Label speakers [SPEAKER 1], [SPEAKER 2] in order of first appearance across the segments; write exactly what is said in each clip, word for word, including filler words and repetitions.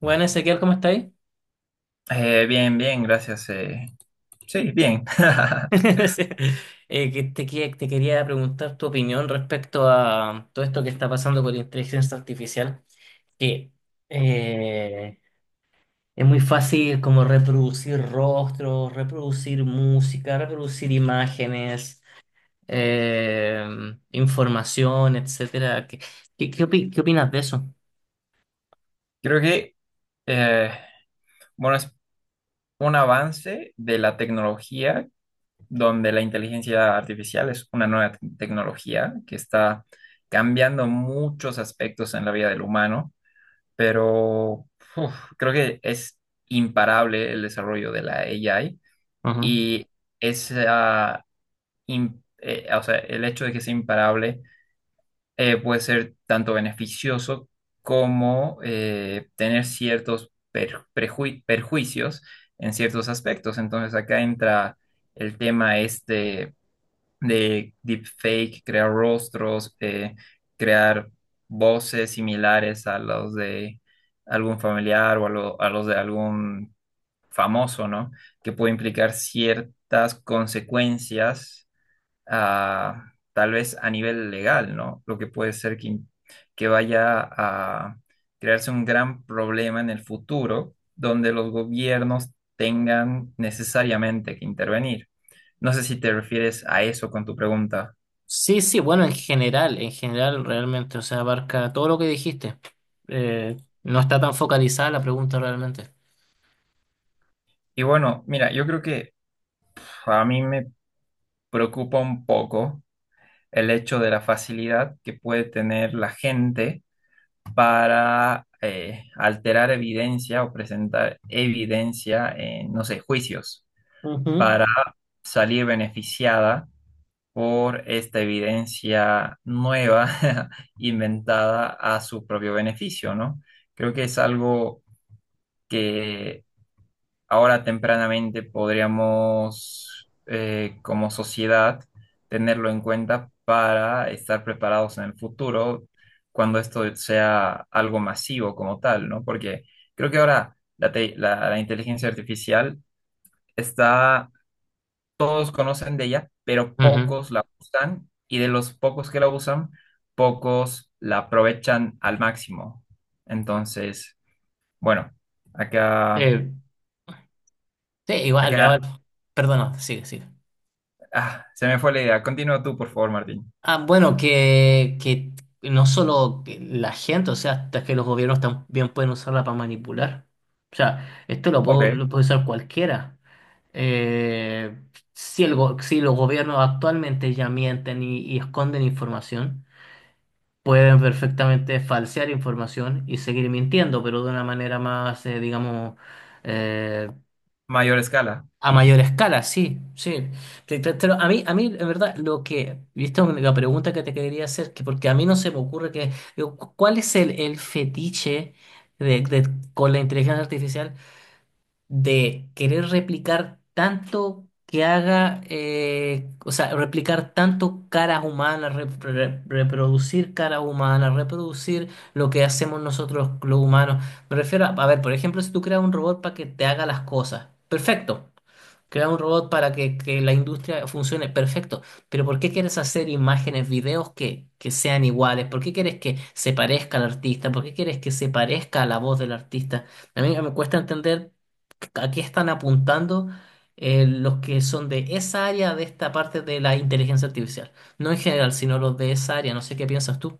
[SPEAKER 1] Bueno, Ezequiel, ¿cómo estáis?
[SPEAKER 2] Eh, bien, bien, gracias. eh, Sí, bien.
[SPEAKER 1] Sí. Eh, que te, que- te quería preguntar tu opinión respecto a todo esto que está pasando con la inteligencia artificial, que eh, es muy fácil como reproducir rostros, reproducir música, reproducir imágenes, eh, información, etcétera. ¿Qué, qué, qué opi- qué opinas de eso?
[SPEAKER 2] Creo que, eh, bueno, es un avance de la tecnología donde la inteligencia artificial es una nueva te- tecnología que está cambiando muchos aspectos en la vida del humano, pero uf, creo que es imparable el desarrollo de la A I
[SPEAKER 1] Ujú.
[SPEAKER 2] y esa, im- eh, o sea, el hecho de que sea imparable eh, puede ser tanto beneficioso como eh, tener ciertos per- prejui- perjuicios en ciertos aspectos. Entonces acá entra el tema este de deepfake, crear rostros, eh, crear voces similares a los de algún familiar o a, lo- a los de algún famoso, ¿no? Que puede implicar ciertas consecuencias ah, tal vez a nivel legal, ¿no? Lo que puede ser que, que vaya a crearse un gran problema en el futuro donde los gobiernos tengan necesariamente que intervenir. No sé si te refieres a eso con tu pregunta.
[SPEAKER 1] Sí, sí, bueno, en general, en general realmente, o sea, abarca todo lo que dijiste. Eh, no está tan focalizada la pregunta realmente.
[SPEAKER 2] Y bueno, mira, yo creo que pf, a mí me preocupa un poco el hecho de la facilidad que puede tener la gente para eh, alterar evidencia o presentar evidencia en, no sé, juicios.
[SPEAKER 1] Ujú.
[SPEAKER 2] Para salir beneficiada por esta evidencia nueva inventada a su propio beneficio, ¿no? Creo que es algo que ahora tempranamente podríamos, eh, como sociedad, tenerlo en cuenta para estar preparados en el futuro cuando esto sea algo masivo como tal, ¿no? Porque creo que ahora la, te- la la inteligencia artificial está, todos conocen de ella, pero
[SPEAKER 1] Ujú.
[SPEAKER 2] pocos la usan y de los pocos que la usan, pocos la aprovechan al máximo. Entonces, bueno, acá,
[SPEAKER 1] Eh, sí, igual, igual.
[SPEAKER 2] acá,
[SPEAKER 1] Perdona, sigue, sigue.
[SPEAKER 2] ah, se me fue la idea. Continúa tú, por favor, Martín.
[SPEAKER 1] Ah, bueno, que, que no solo que la gente, o sea, hasta que los gobiernos también pueden usarla para manipular. O sea, esto lo puede,
[SPEAKER 2] Ok,
[SPEAKER 1] lo puede usar cualquiera. Eh, si, el go- si los gobiernos actualmente ya mienten y, y esconden información, pueden perfectamente falsear información y seguir mintiendo, pero de una manera más, eh, digamos, eh,
[SPEAKER 2] mayor escala.
[SPEAKER 1] a mayor escala, sí, sí. Te- te- te lo- a mí, a mí, en verdad, lo que, y esta es una pregunta que te quería hacer, que porque a mí no se me ocurre que, digo, cu- ¿cuál es el, el fetiche de, de- con la inteligencia artificial? De querer replicar tanto que haga, eh, o sea, replicar tanto caras humanas, rep- re- reproducir caras humanas, reproducir lo que hacemos nosotros los humanos. Me refiero a, a ver, por ejemplo, si tú creas un robot para que te haga las cosas, perfecto. Crea un robot para que, que la industria funcione, perfecto. Pero ¿por qué quieres hacer imágenes, videos que, que sean iguales? ¿Por qué quieres que se parezca al artista? ¿Por qué quieres que se parezca a la voz del artista? A mí me cuesta entender a qué están apuntando eh, los que son de esa área, de esta parte de la inteligencia artificial. No en general, sino los de esa área. No sé qué piensas tú.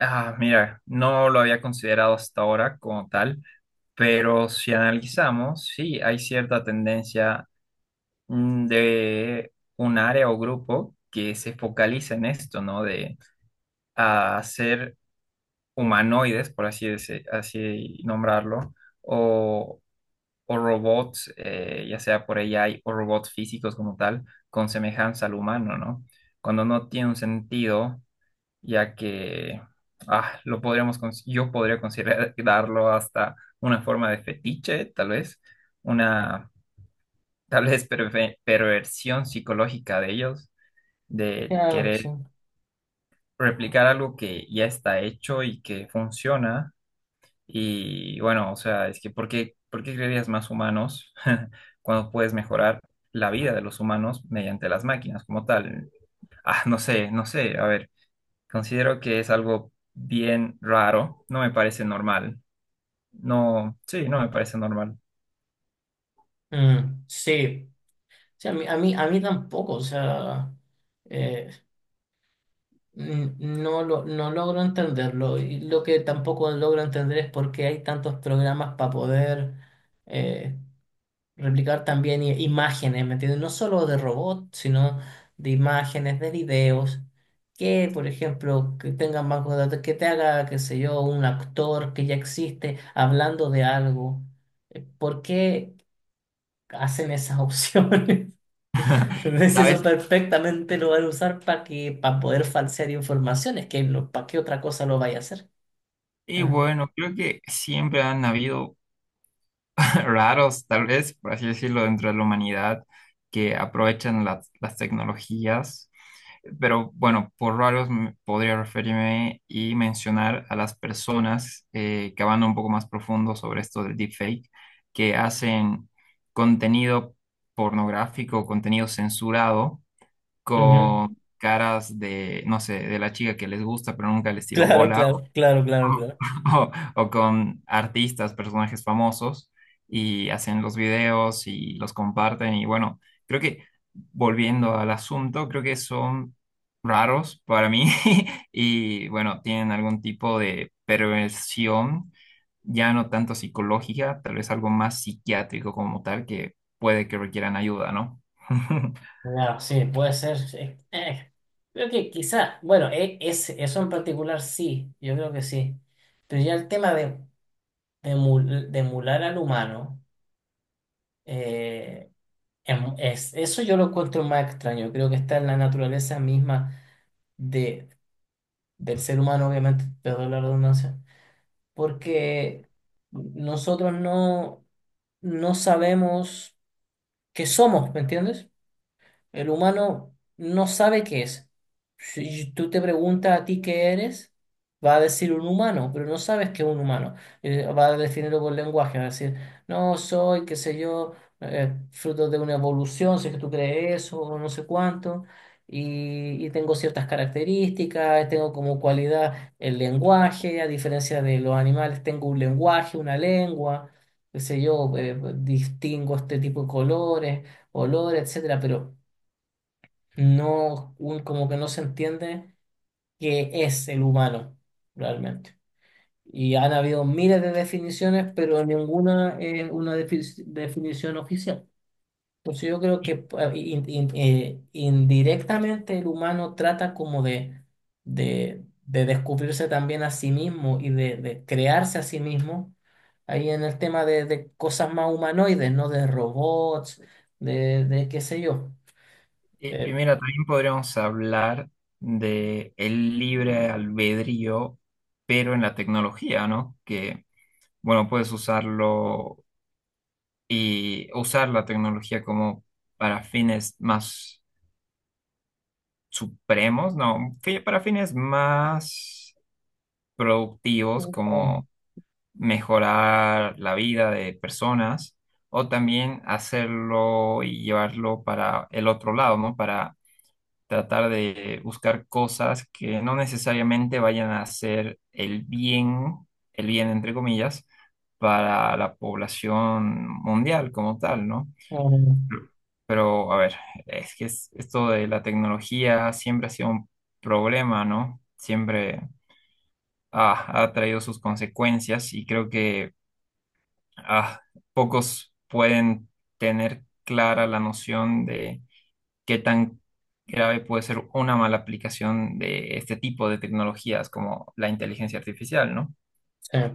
[SPEAKER 2] Ah, mira, no lo había considerado hasta ahora como tal, pero si analizamos, sí, hay cierta tendencia mm, de un área o grupo que se focaliza en esto, ¿no? De a hacer humanoides, por así, dese- así nombrarlo, o, o robots, eh, ya sea por A I o robots físicos como tal, con semejanza al humano, ¿no? Cuando no tiene un sentido, ya que ah, lo podríamos, cons- yo podría considerarlo hasta una forma de fetiche, tal vez, una tal vez perve- perversión psicológica de ellos, de
[SPEAKER 1] Claro, sí.
[SPEAKER 2] querer replicar algo que ya está hecho y que funciona. Y bueno, o sea, es que ¿por qué, por qué crearías más humanos cuando puedes mejorar la vida de los humanos mediante las máquinas como tal? Ah, no sé, no sé, a ver, considero que es algo bien raro, no me parece normal, no, sí, no me parece normal.
[SPEAKER 1] Mm, sí. Sí, a mí, a mí, a mí tampoco, o sea, eh, n- no lo, no logro entenderlo. Y lo que tampoco logro entender es por qué hay tantos programas para poder eh, replicar también i- imágenes, ¿me entiendes? No solo de robots, sino de imágenes, de videos, que, por ejemplo, que tengan banco de datos, que te haga, qué sé yo, un actor que ya existe hablando de algo. Eh, ¿Por qué hacen esas opciones? Entonces, eso
[SPEAKER 2] ¿Sabes?
[SPEAKER 1] perfectamente lo van a usar para que, para poder falsear informaciones, que no, para qué otra cosa lo vaya a hacer.
[SPEAKER 2] Y
[SPEAKER 1] Ah,
[SPEAKER 2] bueno, creo que siempre han habido raros, tal vez, por así decirlo, dentro de la humanidad, que aprovechan las, las tecnologías. Pero bueno, por raros me- podría referirme y mencionar a las personas eh, que van un poco más profundo sobre esto del deepfake, que hacen contenido pornográfico, contenido censurado,
[SPEAKER 1] ujú.
[SPEAKER 2] con caras de, no sé, de la chica que les gusta, pero nunca les tiró
[SPEAKER 1] Claro,
[SPEAKER 2] bola,
[SPEAKER 1] claro, claro, claro,
[SPEAKER 2] o,
[SPEAKER 1] claro.
[SPEAKER 2] o o con artistas, personajes famosos, y hacen los videos y los comparten. Y bueno, creo que volviendo al asunto, creo que son raros para mí y bueno, tienen algún tipo de perversión, ya no tanto psicológica, tal vez algo más psiquiátrico como tal, que puede que requieran ayuda, ¿no?
[SPEAKER 1] Ya, sí, puede ser, sí. Eh, eh, creo que quizá, bueno, e- ese- eso en particular sí, yo creo que sí. Pero ya el tema de, de, emul- de emular al humano, eh, em- es, eso yo lo encuentro más extraño. Creo que está en la naturaleza misma de, del ser humano, obviamente, perdón la redundancia, porque nosotros no, no sabemos qué somos, ¿me entiendes? El humano no sabe qué es. Si tú te preguntas a ti qué eres, va a decir un humano, pero no sabes qué es un humano. Eh, va a definirlo por lenguaje, va a decir, no soy, qué sé yo, eh, fruto de una evolución, si es que tú crees eso, o no sé cuánto, y, y tengo ciertas características, tengo como cualidad el lenguaje, a diferencia de los animales, tengo un lenguaje, una lengua, qué sé yo, eh, distingo este tipo de colores, olores, etcétera, pero no, un- como que no se entiende qué es el humano realmente. Y han habido miles de definiciones, pero ninguna es una defi- definición oficial. Entonces yo creo que eh, in- in- eh, indirectamente el humano trata como de, de, de descubrirse también a sí mismo y de, de crearse a sí mismo. Ahí en el tema de, de cosas más humanoides, ¿no? De robots, de, de qué sé yo.
[SPEAKER 2] Y, y
[SPEAKER 1] Eh,
[SPEAKER 2] mira, también podríamos hablar de el libre albedrío, pero en la tecnología, ¿no? Que, bueno, puedes usarlo y usar la tecnología como para fines más supremos, ¿no? fi- Para fines más productivos, como mejorar la vida de personas, o también hacerlo y llevarlo para el otro lado, ¿no? Para tratar de buscar cosas que no necesariamente vayan a hacer el bien, el bien entre comillas, para la población mundial como tal, ¿no? Pero, a ver, es que es- esto de la tecnología siempre ha sido un problema, ¿no? Siempre ah, ha traído sus consecuencias y creo que ah, pocos pueden tener clara la noción de qué tan grave puede ser una mala aplicación de este tipo de tecnologías como la inteligencia artificial, ¿no?
[SPEAKER 1] Eh,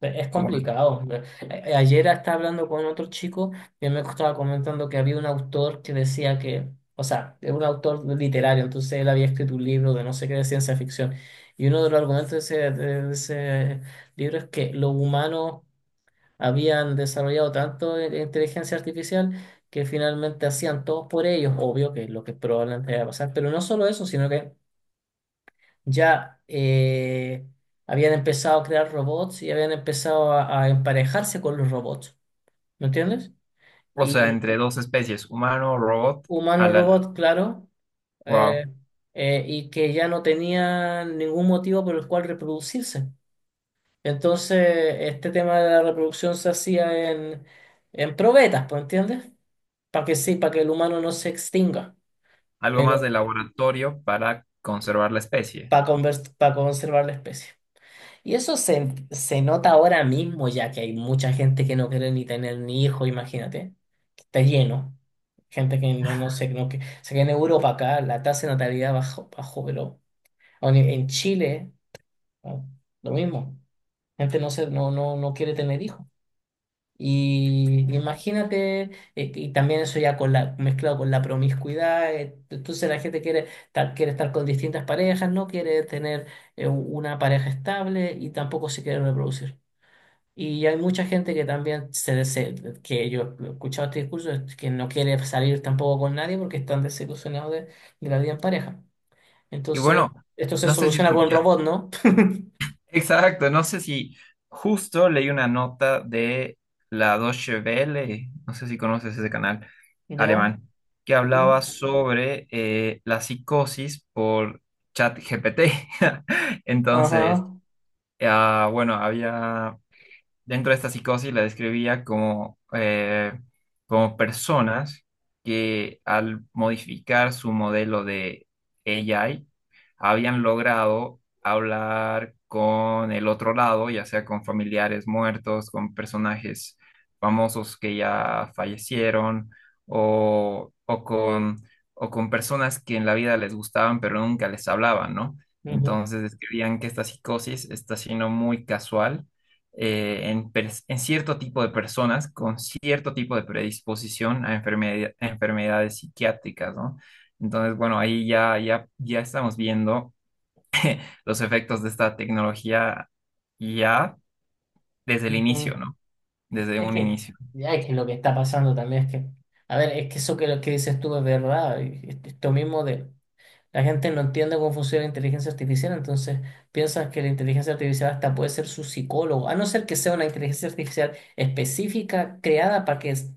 [SPEAKER 1] Es
[SPEAKER 2] Bueno,
[SPEAKER 1] complicado. A- Ayer estaba hablando con otro chico que me estaba comentando que había un autor que decía que, o sea, es un autor literario, entonces él había escrito un libro de no sé qué de ciencia ficción. Y uno de los argumentos de ese, de ese libro es que los humanos habían desarrollado tanto i- inteligencia artificial que finalmente hacían todo por ellos, obvio que es lo que probablemente iba a pasar. Pero no solo eso, sino que ya eh, habían empezado a crear robots y habían empezado a, a emparejarse con los robots, ¿me entiendes?
[SPEAKER 2] o sea,
[SPEAKER 1] Y
[SPEAKER 2] entre dos especies, humano, robot, a la,
[SPEAKER 1] humano-robot, claro, eh,
[SPEAKER 2] wow,
[SPEAKER 1] eh, y que ya no tenían ningún motivo por el cual reproducirse. Entonces, este tema de la reproducción se hacía en, en probetas, ¿me entiendes? Para que sí, para que el humano no se extinga,
[SPEAKER 2] algo más de
[SPEAKER 1] pero
[SPEAKER 2] laboratorio para conservar la especie.
[SPEAKER 1] para conservar la especie. Y eso se, se nota ahora mismo, ya que hay mucha gente que no quiere ni tener ni hijo, imagínate, que está lleno. Gente que no, no sé, no, que, sé que en Europa acá la tasa de natalidad bajó, bajó, pero aún en en Chile, ¿no? Lo mismo. Gente no, se, no, no, no quiere tener hijos. Y imagínate, eh, y también eso ya con la, mezclado con la promiscuidad, eh, entonces la gente quiere, estar- quiere estar con distintas parejas, no quiere tener eh, una pareja estable y tampoco se quiere reproducir. Y hay mucha gente que también se, dese- que yo he escuchado este discurso, es que no quiere salir tampoco con nadie porque están desilusionados de, de la vida en pareja.
[SPEAKER 2] Y
[SPEAKER 1] Entonces,
[SPEAKER 2] bueno,
[SPEAKER 1] esto se
[SPEAKER 2] no sé si
[SPEAKER 1] soluciona con
[SPEAKER 2] escucha.
[SPEAKER 1] robot, ¿no?
[SPEAKER 2] Exacto, no sé si justo leí una nota de la Deutsche Welle, no sé si conoces ese canal
[SPEAKER 1] ¿Ya?
[SPEAKER 2] alemán, que
[SPEAKER 1] ¿No?
[SPEAKER 2] hablaba sobre eh, la psicosis por ChatGPT. Entonces,
[SPEAKER 1] Ajá.
[SPEAKER 2] ah, bueno, había dentro de esta psicosis, la describía como, eh, como personas que al modificar su modelo de A I habían logrado hablar con el otro lado, ya sea con familiares muertos, con personajes famosos que ya fallecieron o, o con, o con personas que en la vida les gustaban pero nunca les hablaban, ¿no?
[SPEAKER 1] Ujú,
[SPEAKER 2] Entonces describían que esta psicosis está siendo muy casual eh, en, pers- en cierto tipo de personas con cierto tipo de predisposición a, enfermedad- a enfermedades psiquiátricas, ¿no? Entonces, bueno, ahí ya, ya, ya estamos viendo los efectos de esta tecnología ya desde el
[SPEAKER 1] ujú.
[SPEAKER 2] inicio, ¿no? Desde
[SPEAKER 1] Es
[SPEAKER 2] un
[SPEAKER 1] que,
[SPEAKER 2] inicio.
[SPEAKER 1] ya es que lo que está pasando también es que, a ver, es que eso que, lo que dices tú es verdad. y y Esto mismo de la gente no entiende cómo funciona la inteligencia artificial, entonces piensan que la inteligencia artificial hasta puede ser su psicólogo, a no ser que sea una inteligencia artificial específica creada para que, es-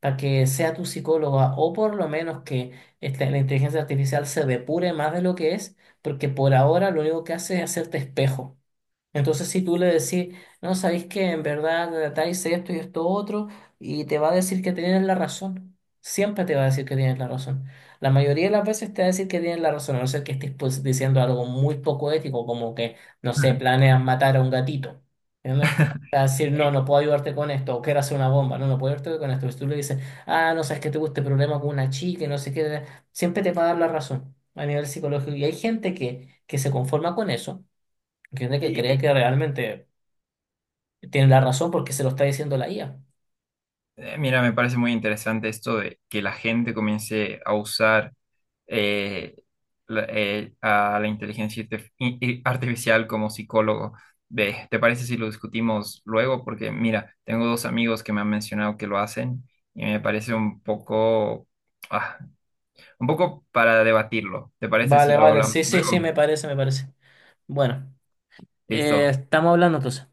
[SPEAKER 1] para que sea tu psicóloga, o por lo menos que esta- la inteligencia artificial se depure más de lo que es, porque por ahora lo único que hace es hacerte espejo. Entonces, si tú le decís, no, sabéis que en verdad tal hice esto y esto otro, y te va a decir que tienes la razón. Siempre te va a decir que tienes la razón. La mayoría de las veces te va a decir que tienes la razón, a no ser que estés pues, diciendo algo muy poco ético, como que, no sé, planeas matar a un gatito. ¿Entiendes? Te va a decir, no, no puedo ayudarte con esto, o quiero hacer una bomba, no, no puedo ayudarte con esto. Si tú le dices, ah, no sabes que tuve este problema con una chica y no sé qué, siempre te va a dar la razón a nivel psicológico. Y hay gente que, que se conforma con eso. Gente que cree
[SPEAKER 2] Y,
[SPEAKER 1] que realmente tiene la razón porque se lo está diciendo la I A.
[SPEAKER 2] Eh, mira, me parece muy interesante esto de que la gente comience a usar eh, la- eh, a la inteligencia artif- i- i- artificial como psicólogo. Ve, ¿te parece si lo discutimos luego? Porque mira, tengo dos amigos que me han mencionado que lo hacen y me parece un poco, ah, un poco para debatirlo. ¿Te parece si
[SPEAKER 1] Vale,
[SPEAKER 2] lo
[SPEAKER 1] vale,
[SPEAKER 2] hablamos
[SPEAKER 1] sí, sí, sí,
[SPEAKER 2] luego?
[SPEAKER 1] me parece, me parece. Bueno, eh,
[SPEAKER 2] Listo.
[SPEAKER 1] estamos hablando entonces.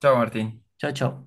[SPEAKER 2] Chao, Martín.
[SPEAKER 1] Chao, chao.